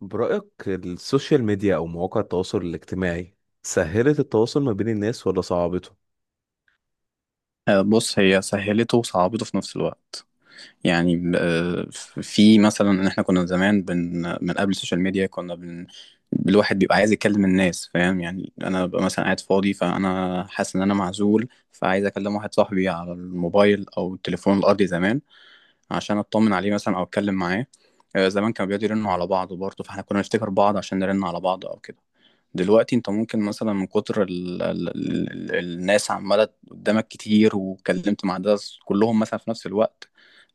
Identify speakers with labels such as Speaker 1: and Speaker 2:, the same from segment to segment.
Speaker 1: برأيك السوشيال ميديا أو مواقع التواصل الاجتماعي سهلت التواصل ما بين الناس ولا صعبته؟
Speaker 2: آه، بص هي سهلته وصعبته في نفس الوقت. يعني، في مثلا ان احنا كنا زمان من قبل السوشيال ميديا كنا بن الواحد بيبقى عايز يكلم الناس، فاهم؟ يعني انا ببقى مثلا قاعد فاضي، فانا حاسس ان انا معزول، فعايز اكلم واحد صاحبي على الموبايل او التليفون الارضي زمان، عشان اطمن عليه مثلا او اتكلم معاه. زمان كانوا بيقعدوا يرنوا على بعض برضه، فاحنا كنا نفتكر بعض عشان نرن على بعض او كده. دلوقتي انت ممكن مثلا من كتر ال ال ال ال الناس عماله قدامك كتير، واتكلمت مع ده كلهم مثلا في نفس الوقت.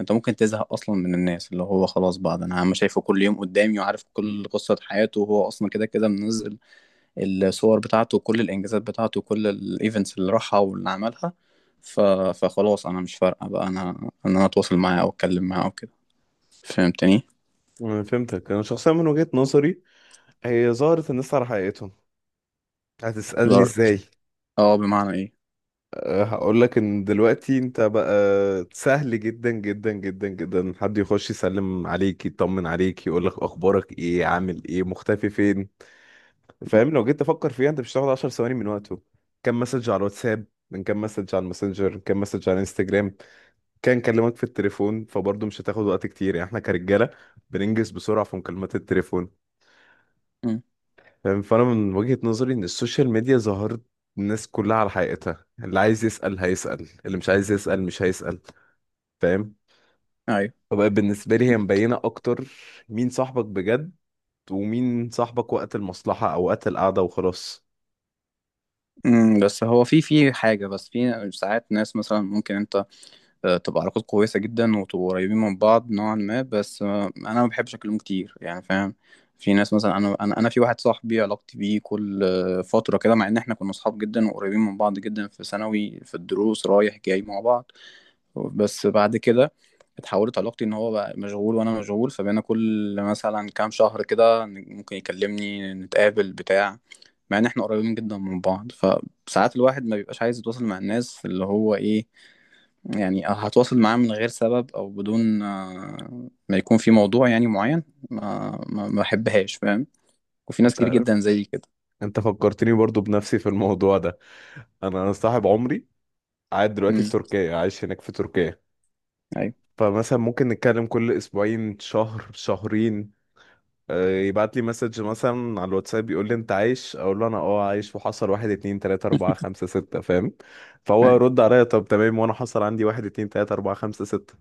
Speaker 2: انت ممكن تزهق اصلا من الناس، اللي هو خلاص بعض انا عم شايفه كل يوم قدامي، وعارف كل قصة حياته، وهو اصلا كده كده منزل الصور بتاعته، وكل الانجازات بتاعته، وكل الايفنتس اللي راحها واللي عملها. ف... فخلاص انا مش فارقه بقى انا ان انا اتواصل معاه او اتكلم معاه وكده، فهمتني؟
Speaker 1: أنا فهمتك. أنا شخصيا من وجهة نظري هي ظهرت الناس على حقيقتهم. هتسألني
Speaker 2: ضر...
Speaker 1: إزاي؟
Speaker 2: اه، بمعنى ايه؟
Speaker 1: أه هقولك إن دلوقتي أنت بقى سهل جدا جدا جدا جدا حد يخش يسلم عليك، يطمن عليك، يقولك أخبارك إيه، عامل إيه، مختفي فين.
Speaker 2: م-
Speaker 1: فاهم؟ لو جيت تفكر فيها أنت مش هتاخد 10 ثواني من وقته. كم مسج على الواتساب، من كام مسج على الماسنجر، كام مسج على الانستجرام. كان كلمك في التليفون فبرضه مش هتاخد وقت كتير، يعني احنا كرجاله بننجز بسرعه في مكالمات التليفون.
Speaker 2: م-
Speaker 1: فاهم؟ فانا من وجهه نظري ان السوشيال ميديا ظهرت الناس كلها على حقيقتها. اللي عايز يسال هيسال، اللي مش عايز يسال مش هيسال. فاهم؟
Speaker 2: ايوه.
Speaker 1: فبقى بالنسبه لي هي مبينه اكتر مين صاحبك بجد، ومين صاحبك وقت المصلحه او وقت القعده وخلاص.
Speaker 2: بس هو في حاجه، بس في ساعات ناس مثلا ممكن انت تبقى علاقات كويسة جدا وتبقوا قريبين من بعض نوعا ما، بس أنا ما بحبش أكلمه كتير يعني، فاهم؟ في ناس مثلا، أنا في واحد صاحبي علاقتي بيه كل فترة كده، مع إن إحنا كنا أصحاب جدا وقريبين من بعض جدا في ثانوي، في الدروس رايح جاي مع بعض. بس بعد كده اتحولت علاقتي إن هو بقى مشغول وأنا مشغول، فبقينا كل مثلا كام شهر كده ممكن يكلمني، نتقابل بتاع، مع إن إحنا قريبين جدا من بعض. فساعات الواحد ما بيبقاش عايز يتواصل مع الناس، اللي هو إيه يعني هتواصل معاه من غير سبب او بدون ما يكون في موضوع يعني معين، ما بحبهاش، فاهم؟ وفي ناس
Speaker 1: انت
Speaker 2: كتير جدا
Speaker 1: عارف،
Speaker 2: زي كده.
Speaker 1: انت فكرتني برضه بنفسي في الموضوع ده. انا صاحب عمري قاعد دلوقتي في
Speaker 2: امم.
Speaker 1: تركيا، عايش هناك في تركيا.
Speaker 2: ايوه.
Speaker 1: فمثلا ممكن نتكلم كل اسبوعين، شهر، شهرين. يبعت لي مسج مثلا على الواتساب يقول لي انت عايش، اقول له انا اه عايش وحصل واحد اتنين تلاتة اربعة خمسة ستة. فاهم؟ فهو
Speaker 2: ايوه.
Speaker 1: يرد عليا طب تمام، وانا حصل عندي واحد اتنين تلاتة اربعة خمسة ستة.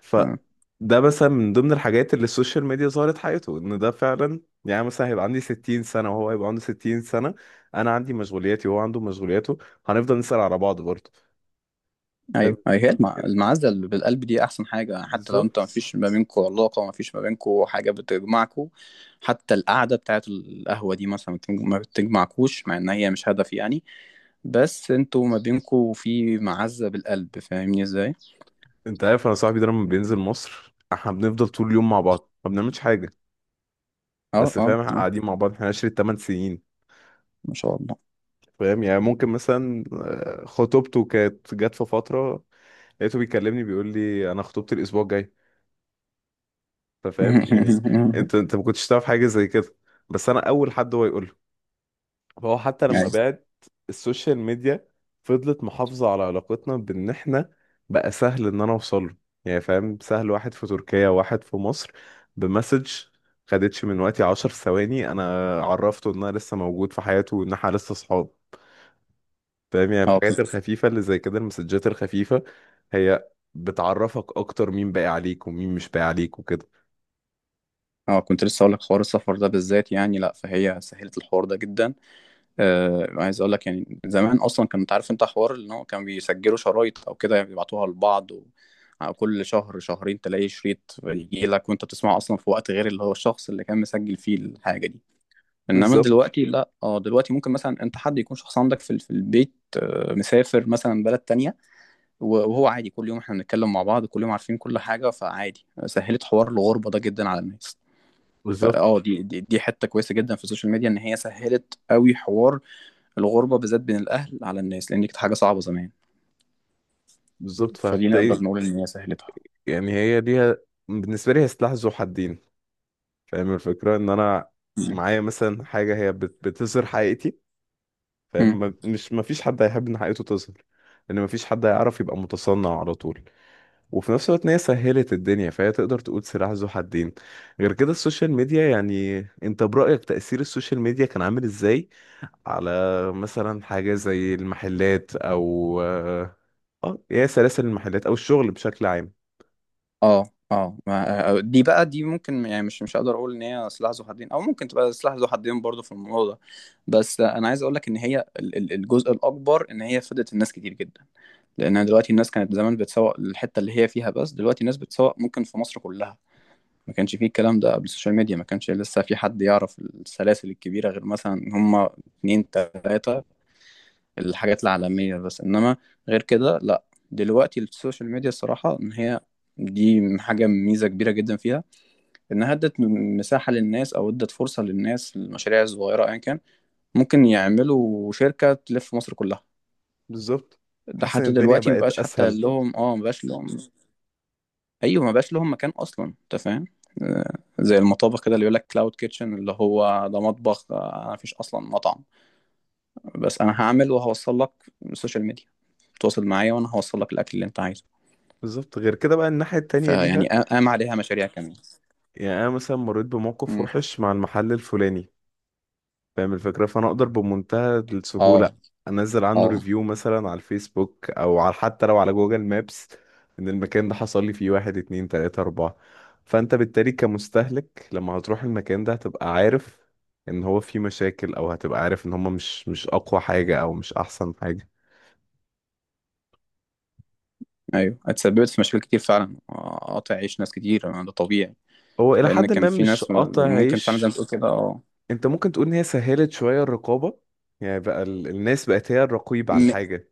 Speaker 1: ف
Speaker 2: آه،
Speaker 1: ده مثلا من ضمن الحاجات اللي السوشيال ميديا ظهرت حياته ان ده فعلا. يعني مثلا هيبقى عندي 60 سنة وهو هيبقى عنده 60 سنة. انا عندي مشغولياتي وهو عنده مشغولياته. هنفضل نسأل على بعض برضه. فاهم؟
Speaker 2: ايوه. ايوه، هي المعزه اللي بالقلب دي احسن حاجه، حتى لو انت ما
Speaker 1: بالظبط.
Speaker 2: فيش ما بينكم علاقه، ما فيش ما بينكم حاجه بتجمعكم، حتى القعده بتاعت القهوه دي مثلا ما بتجمعكوش، مع ان هي مش هدف يعني، بس انتوا ما بينكم في معزه بالقلب، فاهمني ازاي؟
Speaker 1: انت عارف، انا صاحبي ده لما بينزل مصر احنا بنفضل طول اليوم مع بعض، ما بنعملش حاجه.
Speaker 2: اه،
Speaker 1: بس
Speaker 2: اه،
Speaker 1: فاهم، احنا
Speaker 2: اه.
Speaker 1: قاعدين مع بعض، احنا عشرة 8 سنين.
Speaker 2: ما شاء الله.
Speaker 1: فاهم يعني؟ ممكن مثلا خطوبته كانت جت في فتره، لقيته بيكلمني بيقول لي انا خطوبتي الاسبوع الجاي. فاهم يعني؟ انت ما كنتش تعرف حاجه زي كده، بس انا اول حد هو يقول له. فهو حتى لما
Speaker 2: ايوه.
Speaker 1: بعد السوشيال ميديا فضلت محافظة على علاقتنا، بان احنا بقى سهل ان انا اوصل له. يعني فاهم، سهل واحد في تركيا، واحد في مصر بمسج، خدتش من وقتي 10 ثواني. انا عرفته ان انا لسه موجود في حياته وان احنا لسه صحاب. فاهم يعني؟
Speaker 2: اه
Speaker 1: الحاجات
Speaker 2: كنت
Speaker 1: الخفيفة اللي زي كده، المسجات الخفيفة، هي بتعرفك اكتر مين باقي عليك ومين مش باقي عليك وكده.
Speaker 2: اه كنت لسه اقول لك حوار السفر ده بالذات، يعني لا، فهي سهلت الحوار ده جدا. عايز اقول لك يعني زمان، اصلا كنت عارف انت حوار ان هو كان بيسجلوا شرايط او كده، يعني بيبعتوها لبعض. على كل شهر شهرين تلاقي شريط يجي لك، وانت بتسمعه اصلا في وقت غير اللي هو الشخص اللي كان مسجل فيه الحاجه دي. انما
Speaker 1: بالظبط،
Speaker 2: دلوقتي لا، اه دلوقتي ممكن مثلا انت، حد يكون شخص عندك في البيت، مسافر مثلا بلد تانية. وهو عادي كل يوم احنا بنتكلم مع بعض، كل يوم عارفين كل حاجه، فعادي سهلت حوار الغربه ده جدا على الناس.
Speaker 1: بالظبط،
Speaker 2: دي حته كويسه جدا في السوشيال ميديا، ان هي سهلت قوي حوار الغربه بالذات بين الاهل على الناس، لان دي كانت حاجه صعبه زمان.
Speaker 1: بالظبط.
Speaker 2: فدي
Speaker 1: فهتلاقي،
Speaker 2: نقدر نقول ان هي سهلتها.
Speaker 1: يعني هي ليها، بالنسبة لي هي سلاح ذو حدين. فاهم الفكرة؟ ان انا
Speaker 2: مم.
Speaker 1: معايا مثلا حاجة هي بتظهر حقيقتي.
Speaker 2: مم.
Speaker 1: فاهم؟ مش مفيش حد هيحب ان حقيقته تظهر، لان مفيش حد هيعرف يبقى متصنع على طول. وفي نفس الوقت ان هي سهلت الدنيا، فهي تقدر تقول سلاح ذو حدين. غير كده السوشيال ميديا، يعني انت برأيك تأثير السوشيال ميديا كان عامل ازاي على مثلا حاجة زي المحلات او اه آه، هي سلاسل المحلات او الشغل بشكل عام؟
Speaker 2: اه، اه. دي بقى دي ممكن، يعني مش هقدر اقول ان هي سلاح ذو حدين، او ممكن تبقى سلاح ذو حدين برضه في الموضوع ده. بس انا عايز اقول لك ان هي الجزء الاكبر ان هي فادت الناس كتير جدا، لان دلوقتي الناس كانت زمان بتسوق الحته اللي هي فيها، بس دلوقتي الناس بتسوق ممكن في مصر كلها. ما كانش فيه الكلام ده قبل السوشيال ميديا، ما كانش لسه في حد يعرف السلاسل الكبيرة غير مثلا هما اتنين تلاتة، الحاجات العالمية بس. إنما غير كده لأ، دلوقتي السوشيال ميديا الصراحة إن هي دي حاجة، ميزة كبيرة جدا فيها، إنها ادت مساحة للناس، أو ادت فرصة للناس، المشاريع الصغيرة أيا كان ممكن يعملوا شركة تلف مصر كلها.
Speaker 1: بالظبط.
Speaker 2: ده
Speaker 1: تحس ان
Speaker 2: حتى
Speaker 1: الدنيا
Speaker 2: دلوقتي
Speaker 1: بقت
Speaker 2: مبقاش حتى
Speaker 1: اسهل.
Speaker 2: لهم، اه مبقاش لهم. ايوه، ما بقاش لهم مكان اصلا، انت فاهم؟ آه، زي المطابخ كده اللي يقول لك كلاود كيتشن، اللي هو ده مطبخ، انا مفيش اصلا مطعم، بس انا هعمل وهوصل لك من السوشيال ميديا، تواصل معايا وانا هوصل لك الاكل اللي انت عايزه.
Speaker 1: بالظبط. غير كده بقى الناحية التانية ليها،
Speaker 2: فيعني قام عليها مشاريع كمان.
Speaker 1: يعني انا مثلا مريت بموقف
Speaker 2: مم.
Speaker 1: وحش مع المحل الفلاني. فاهم الفكره؟ فانا اقدر بمنتهى السهوله
Speaker 2: اه،
Speaker 1: انزل عنه
Speaker 2: اه.
Speaker 1: ريفيو مثلا على الفيسبوك او على حتى لو على جوجل مابس ان المكان ده حصل لي فيه واحد اتنين تلاته اربعه. فانت بالتالي كمستهلك لما هتروح المكان ده هتبقى عارف ان هو فيه مشاكل، او هتبقى عارف ان هما مش اقوى حاجه او مش احسن حاجه.
Speaker 2: ايوه، اتسببت في مشاكل كتير فعلا، قاطع عيش ناس كتير، ده طبيعي،
Speaker 1: هو الى
Speaker 2: لان
Speaker 1: حد
Speaker 2: كان
Speaker 1: ما
Speaker 2: في
Speaker 1: مش
Speaker 2: ناس
Speaker 1: قاطع
Speaker 2: ممكن فعلا زي ما
Speaker 1: عيش.
Speaker 2: تقول كده، اه.
Speaker 1: انت ممكن تقول ان هي سهلت شويه الرقابه، يعني بقى الناس بقت هي الرقيب على
Speaker 2: م-
Speaker 1: الحاجه.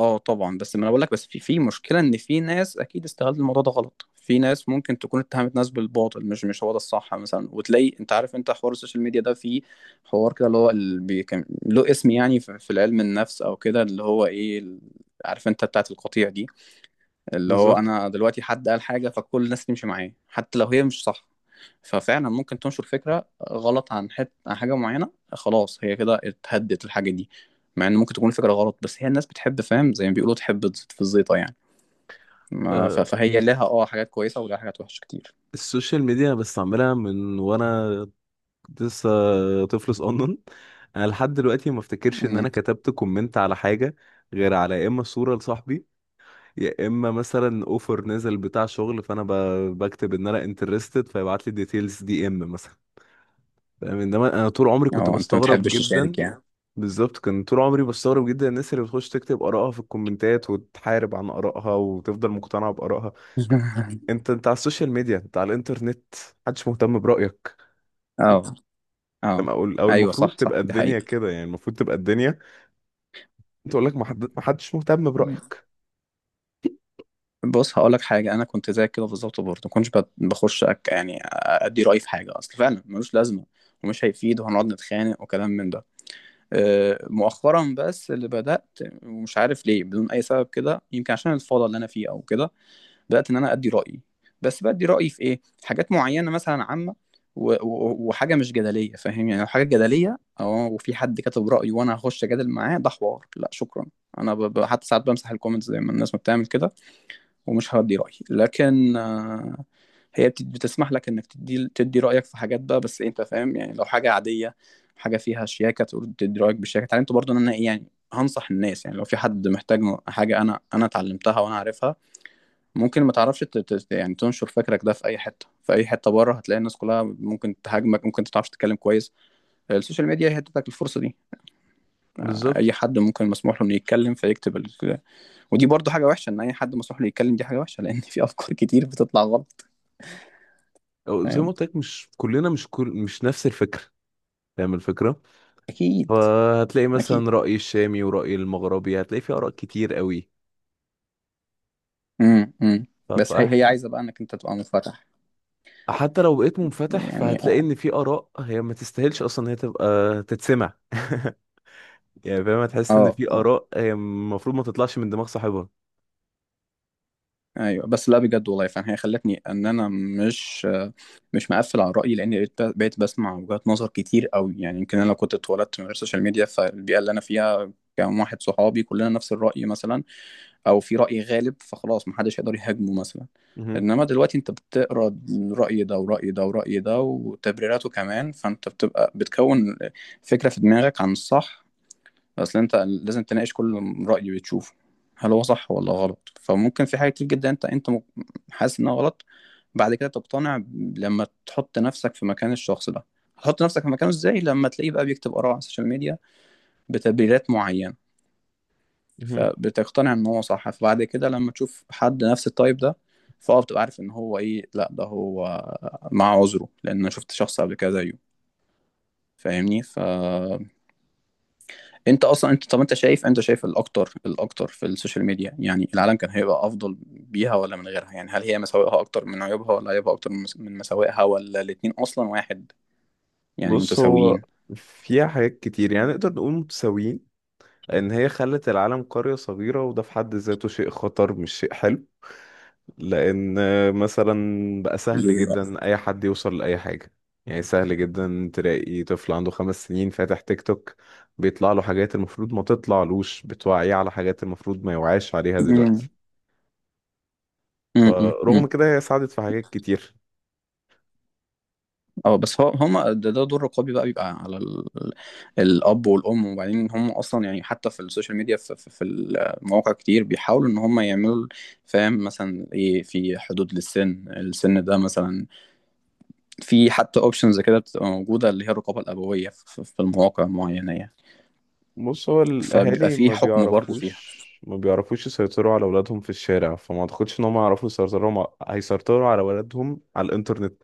Speaker 2: اه طبعا، بس ما انا بقول لك، بس في مشكله ان في ناس اكيد استغلت الموضوع ده غلط، في ناس ممكن تكون اتهمت ناس بالباطل، مش هو ده الصح مثلا، وتلاقي انت عارف، انت حوار السوشيال ميديا ده فيه حوار كده اللي هو كان له اسم يعني في العلم النفس او كده، اللي هو ايه عارف انت بتاعت القطيع دي، اللي هو
Speaker 1: بالظبط.
Speaker 2: انا دلوقتي حد قال حاجه فكل الناس تمشي معاه حتى لو هي مش صح. ففعلا ممكن تنشر فكره غلط عن عن حاجه معينه، خلاص هي كده اتهدت الحاجه دي، مع ان ممكن تكون فكره غلط، بس هي الناس بتحب، فاهم؟ زي ما بيقولوا تحب تزيط في الزيطه يعني. ما ف...
Speaker 1: آه،
Speaker 2: فهي لها اه حاجات كويسه ولها حاجات وحشه كتير.
Speaker 1: السوشيال ميديا بستعملها من وانا لسه طفل صغنن. انا لحد دلوقتي ما افتكرش ان
Speaker 2: أمم.
Speaker 1: انا كتبت كومنت على حاجه، غير على يا اما صوره لصاحبي، يا اما مثلا اوفر نزل بتاع شغل فانا بكتب ان انا انترستد فيبعت لي ديتيلز دي ام مثلا. فاهم؟ انما انا طول عمري كنت
Speaker 2: اه، انت ما
Speaker 1: بستغرب
Speaker 2: تحبش
Speaker 1: جدا.
Speaker 2: تشارك يعني؟
Speaker 1: بالظبط. كان طول عمري بستغرب جدا الناس اللي بتخش تكتب آرائها في الكومنتات وتحارب عن آرائها وتفضل مقتنعة بآرائها. انت على السوشيال ميديا، انت على الانترنت، محدش مهتم برأيك.
Speaker 2: اه،
Speaker 1: أما
Speaker 2: اه.
Speaker 1: اقول، او
Speaker 2: ايوه
Speaker 1: المفروض
Speaker 2: صح صح،
Speaker 1: تبقى
Speaker 2: دي
Speaker 1: الدنيا
Speaker 2: حقيقه.
Speaker 1: كده، يعني المفروض تبقى الدنيا. انت اقول لك محدش مهتم برأيك.
Speaker 2: بص هقول لك حاجه، انا كنت زيك كده بالظبط برضه، ما كنتش بخش أك يعني ادي رايي في حاجه، اصل فعلا ملوش لازمه، ومش هيفيد وهنقعد نتخانق وكلام من ده. أه، مؤخرا بس اللي بدات، ومش عارف ليه بدون اي سبب كده، يمكن عشان الفوضى اللي انا فيه او كده، بدات ان انا ادي رايي. بس بدي رايي في ايه؟ حاجات معينه مثلا عامه، وحاجه مش جدليه، فاهم يعني؟ لو حاجه جدليه، اه وفي حد كتب رايه، وانا هخش اجادل معاه، ده حوار لا شكرا. انا حتى ساعات بمسح الكومنتس زي ما الناس ما بتعمل كده، ومش هدي رأيي، لكن هي بتسمح لك انك تدي رأيك في حاجات بقى. بس انت فاهم يعني، لو حاجة عادية، حاجة فيها شياكة تقول تدي رأيك بشياكة، اتعلمت برضه ان انا إيه يعني هنصح الناس، يعني لو في حد محتاج حاجة انا اتعلمتها وانا عارفها، ممكن ما تعرفش يعني تنشر فكرك ده في اي حتة، في اي حتة بره هتلاقي الناس كلها ممكن تهاجمك، ممكن ما تعرفش تتكلم كويس. السوشيال ميديا هي ادتك الفرصة دي، اي
Speaker 1: بالظبط.
Speaker 2: حد ممكن مسموح له انه يتكلم فيكتب ودي برضه حاجة وحشة، ان اي حد مسموح له يتكلم، دي حاجة وحشة، لان في افكار كتير بتطلع غلط.
Speaker 1: أو زي ما
Speaker 2: فاهم.
Speaker 1: قلت لك، مش كلنا، مش كل، مش نفس الفكرة. فاهم الفكرة؟
Speaker 2: اكيد.
Speaker 1: فهتلاقي
Speaker 2: اكيد.
Speaker 1: مثلا رأي الشامي ورأي المغربي، هتلاقي في آراء كتير قوي.
Speaker 2: امم، امم. بس هي
Speaker 1: فاحنا
Speaker 2: عايزه بقى انك انت تبقى منفتح
Speaker 1: حتى لو بقيت منفتح
Speaker 2: يعني.
Speaker 1: فهتلاقي ان في آراء هي ما تستاهلش اصلا ان هي تبقى تتسمع. يعني فاهم، هتحس ان
Speaker 2: اه،
Speaker 1: في
Speaker 2: اه.
Speaker 1: آراء هي المفروض ما تطلعش من دماغ صاحبها.
Speaker 2: ايوه، بس لا، بجد والله فعلا هي خلتني ان انا مش مقفل على رايي، لان بقيت بسمع وجهات نظر كتير قوي يعني. يمكن انا لو كنت اتولدت من غير سوشيال ميديا، فالبيئه اللي انا فيها كان واحد صحابي كلنا نفس الراي مثلا، او في رأي غالب فخلاص محدش هيقدر يهاجمه مثلا.
Speaker 1: مهم.
Speaker 2: انما دلوقتي انت بتقرا رأي ده ورأي ده ورأي ده وتبريراته كمان، فانت بتكون فكرة في دماغك عن الصح، اصل انت لازم تناقش كل رأي بتشوفه، هل هو صح ولا غلط؟ فممكن في حاجة كتير جدا انت حاسس انها غلط، بعد كده تقتنع لما تحط نفسك في مكان الشخص ده. هتحط نفسك في مكانه ازاي؟ لما تلاقيه بقى بيكتب آراء على السوشيال ميديا بتبريرات معينة،
Speaker 1: مهم.
Speaker 2: فبتقتنع ان هو صح، فبعد كده لما تشوف حد نفس التايب ده، فاه بتبقى عارف ان هو ايه، لا ده هو مع عذره، لان انا شفت شخص قبل كده زيه، فاهمني؟ فانت اصلا انت، طب انت شايف الاكتر، في السوشيال ميديا يعني، العالم كان هيبقى افضل بيها ولا من غيرها؟ يعني هل هي مساوئها اكتر من عيوبها، ولا عيوبها اكتر من مساوئها، ولا الاتنين اصلا واحد يعني
Speaker 1: بص، هو
Speaker 2: متساويين؟
Speaker 1: فيها حاجات كتير، يعني نقدر نقول متساويين. لأن هي خلت العالم قرية صغيرة، وده في حد ذاته شيء خطر مش شيء حلو. لأن مثلا بقى سهل
Speaker 2: ليه لا.
Speaker 1: جدا أي حد يوصل لأي حاجة. يعني سهل جدا تلاقي طفل عنده 5 سنين فاتح تيك توك، بيطلع له حاجات المفروض ما تطلعلوش، بتوعيه على حاجات المفروض ما يوعاش عليها دلوقتي.
Speaker 2: امم.
Speaker 1: فرغم كده هي ساعدت في حاجات كتير.
Speaker 2: اه، بس هو هم ده دور رقابي، بقى بيبقى على الاب والام. وبعدين هم اصلا يعني حتى في السوشيال ميديا، في المواقع كتير بيحاولوا ان هم يعملوا، فاهم مثلا ايه، في حدود للسن، السن ده مثلا في حتى اوبشنز كده بتبقى موجوده، اللي هي الرقابه الابويه في المواقع معينه يعني،
Speaker 1: بص، هو
Speaker 2: فبيبقى
Speaker 1: الاهالي
Speaker 2: في
Speaker 1: ما
Speaker 2: حكم برضه فيها.
Speaker 1: بيعرفوش ما بيعرفوش يسيطروا على اولادهم في الشارع، فما اعتقدش ان هم يعرفوا يسيطروا هيسيطروا على اولادهم على الانترنت،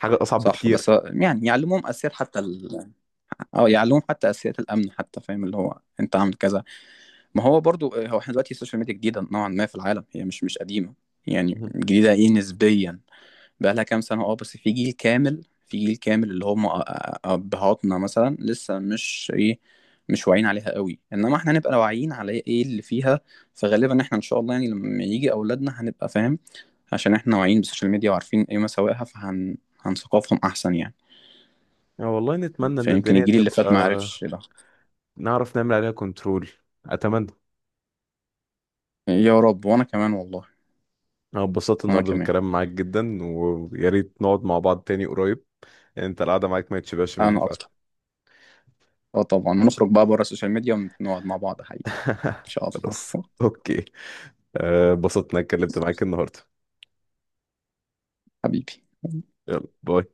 Speaker 1: حاجه اصعب
Speaker 2: صح.
Speaker 1: بكتير.
Speaker 2: بس يعني يعلموهم اساسيات حتى اه يعلموهم حتى اساسيات الامن حتى، فاهم؟ اللي هو انت عامل كذا. ما هو برضو هو احنا دلوقتي السوشيال ميديا جديدة نوعا ما في العالم، هي مش قديمة، يعني
Speaker 1: مهم.
Speaker 2: جديدة ايه، نسبيا، بقى لها كام سنة اه، بس في جيل كامل، في جيل كامل اللي هم أبهاتنا مثلا لسه مش ايه، مش واعيين عليها قوي، انما احنا هنبقى واعيين على ايه اللي فيها. فغالبا احنا ان شاء الله، يعني لما يجي اولادنا هنبقى فاهم، عشان احنا واعيين بالسوشيال ميديا وعارفين ايه مساوئها، فهن هنثقفهم احسن يعني،
Speaker 1: يعني والله نتمنى ان
Speaker 2: فيمكن
Speaker 1: الدنيا
Speaker 2: الجيل اللي
Speaker 1: تبقى
Speaker 2: فات ما عرفش ده.
Speaker 1: نعرف نعمل عليها كنترول، اتمنى.
Speaker 2: يا رب، وانا كمان والله.
Speaker 1: انا اتبسطت
Speaker 2: وانا
Speaker 1: النهارده
Speaker 2: كمان.
Speaker 1: بالكلام معاك جدا، ويا ريت نقعد مع بعض تاني قريب. يعني انت القعده معاك ما يتشبعش منها
Speaker 2: انا
Speaker 1: فعلا.
Speaker 2: اكتر. اه طبعا، ونخرج بقى بره السوشيال ميديا ونقعد مع بعض حقيقة، ان شاء
Speaker 1: خلاص.
Speaker 2: الله.
Speaker 1: اوكي. اتبسطت اني اتكلمت معاك النهارده.
Speaker 2: حبيبي.
Speaker 1: يلا باي.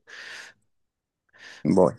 Speaker 2: باي.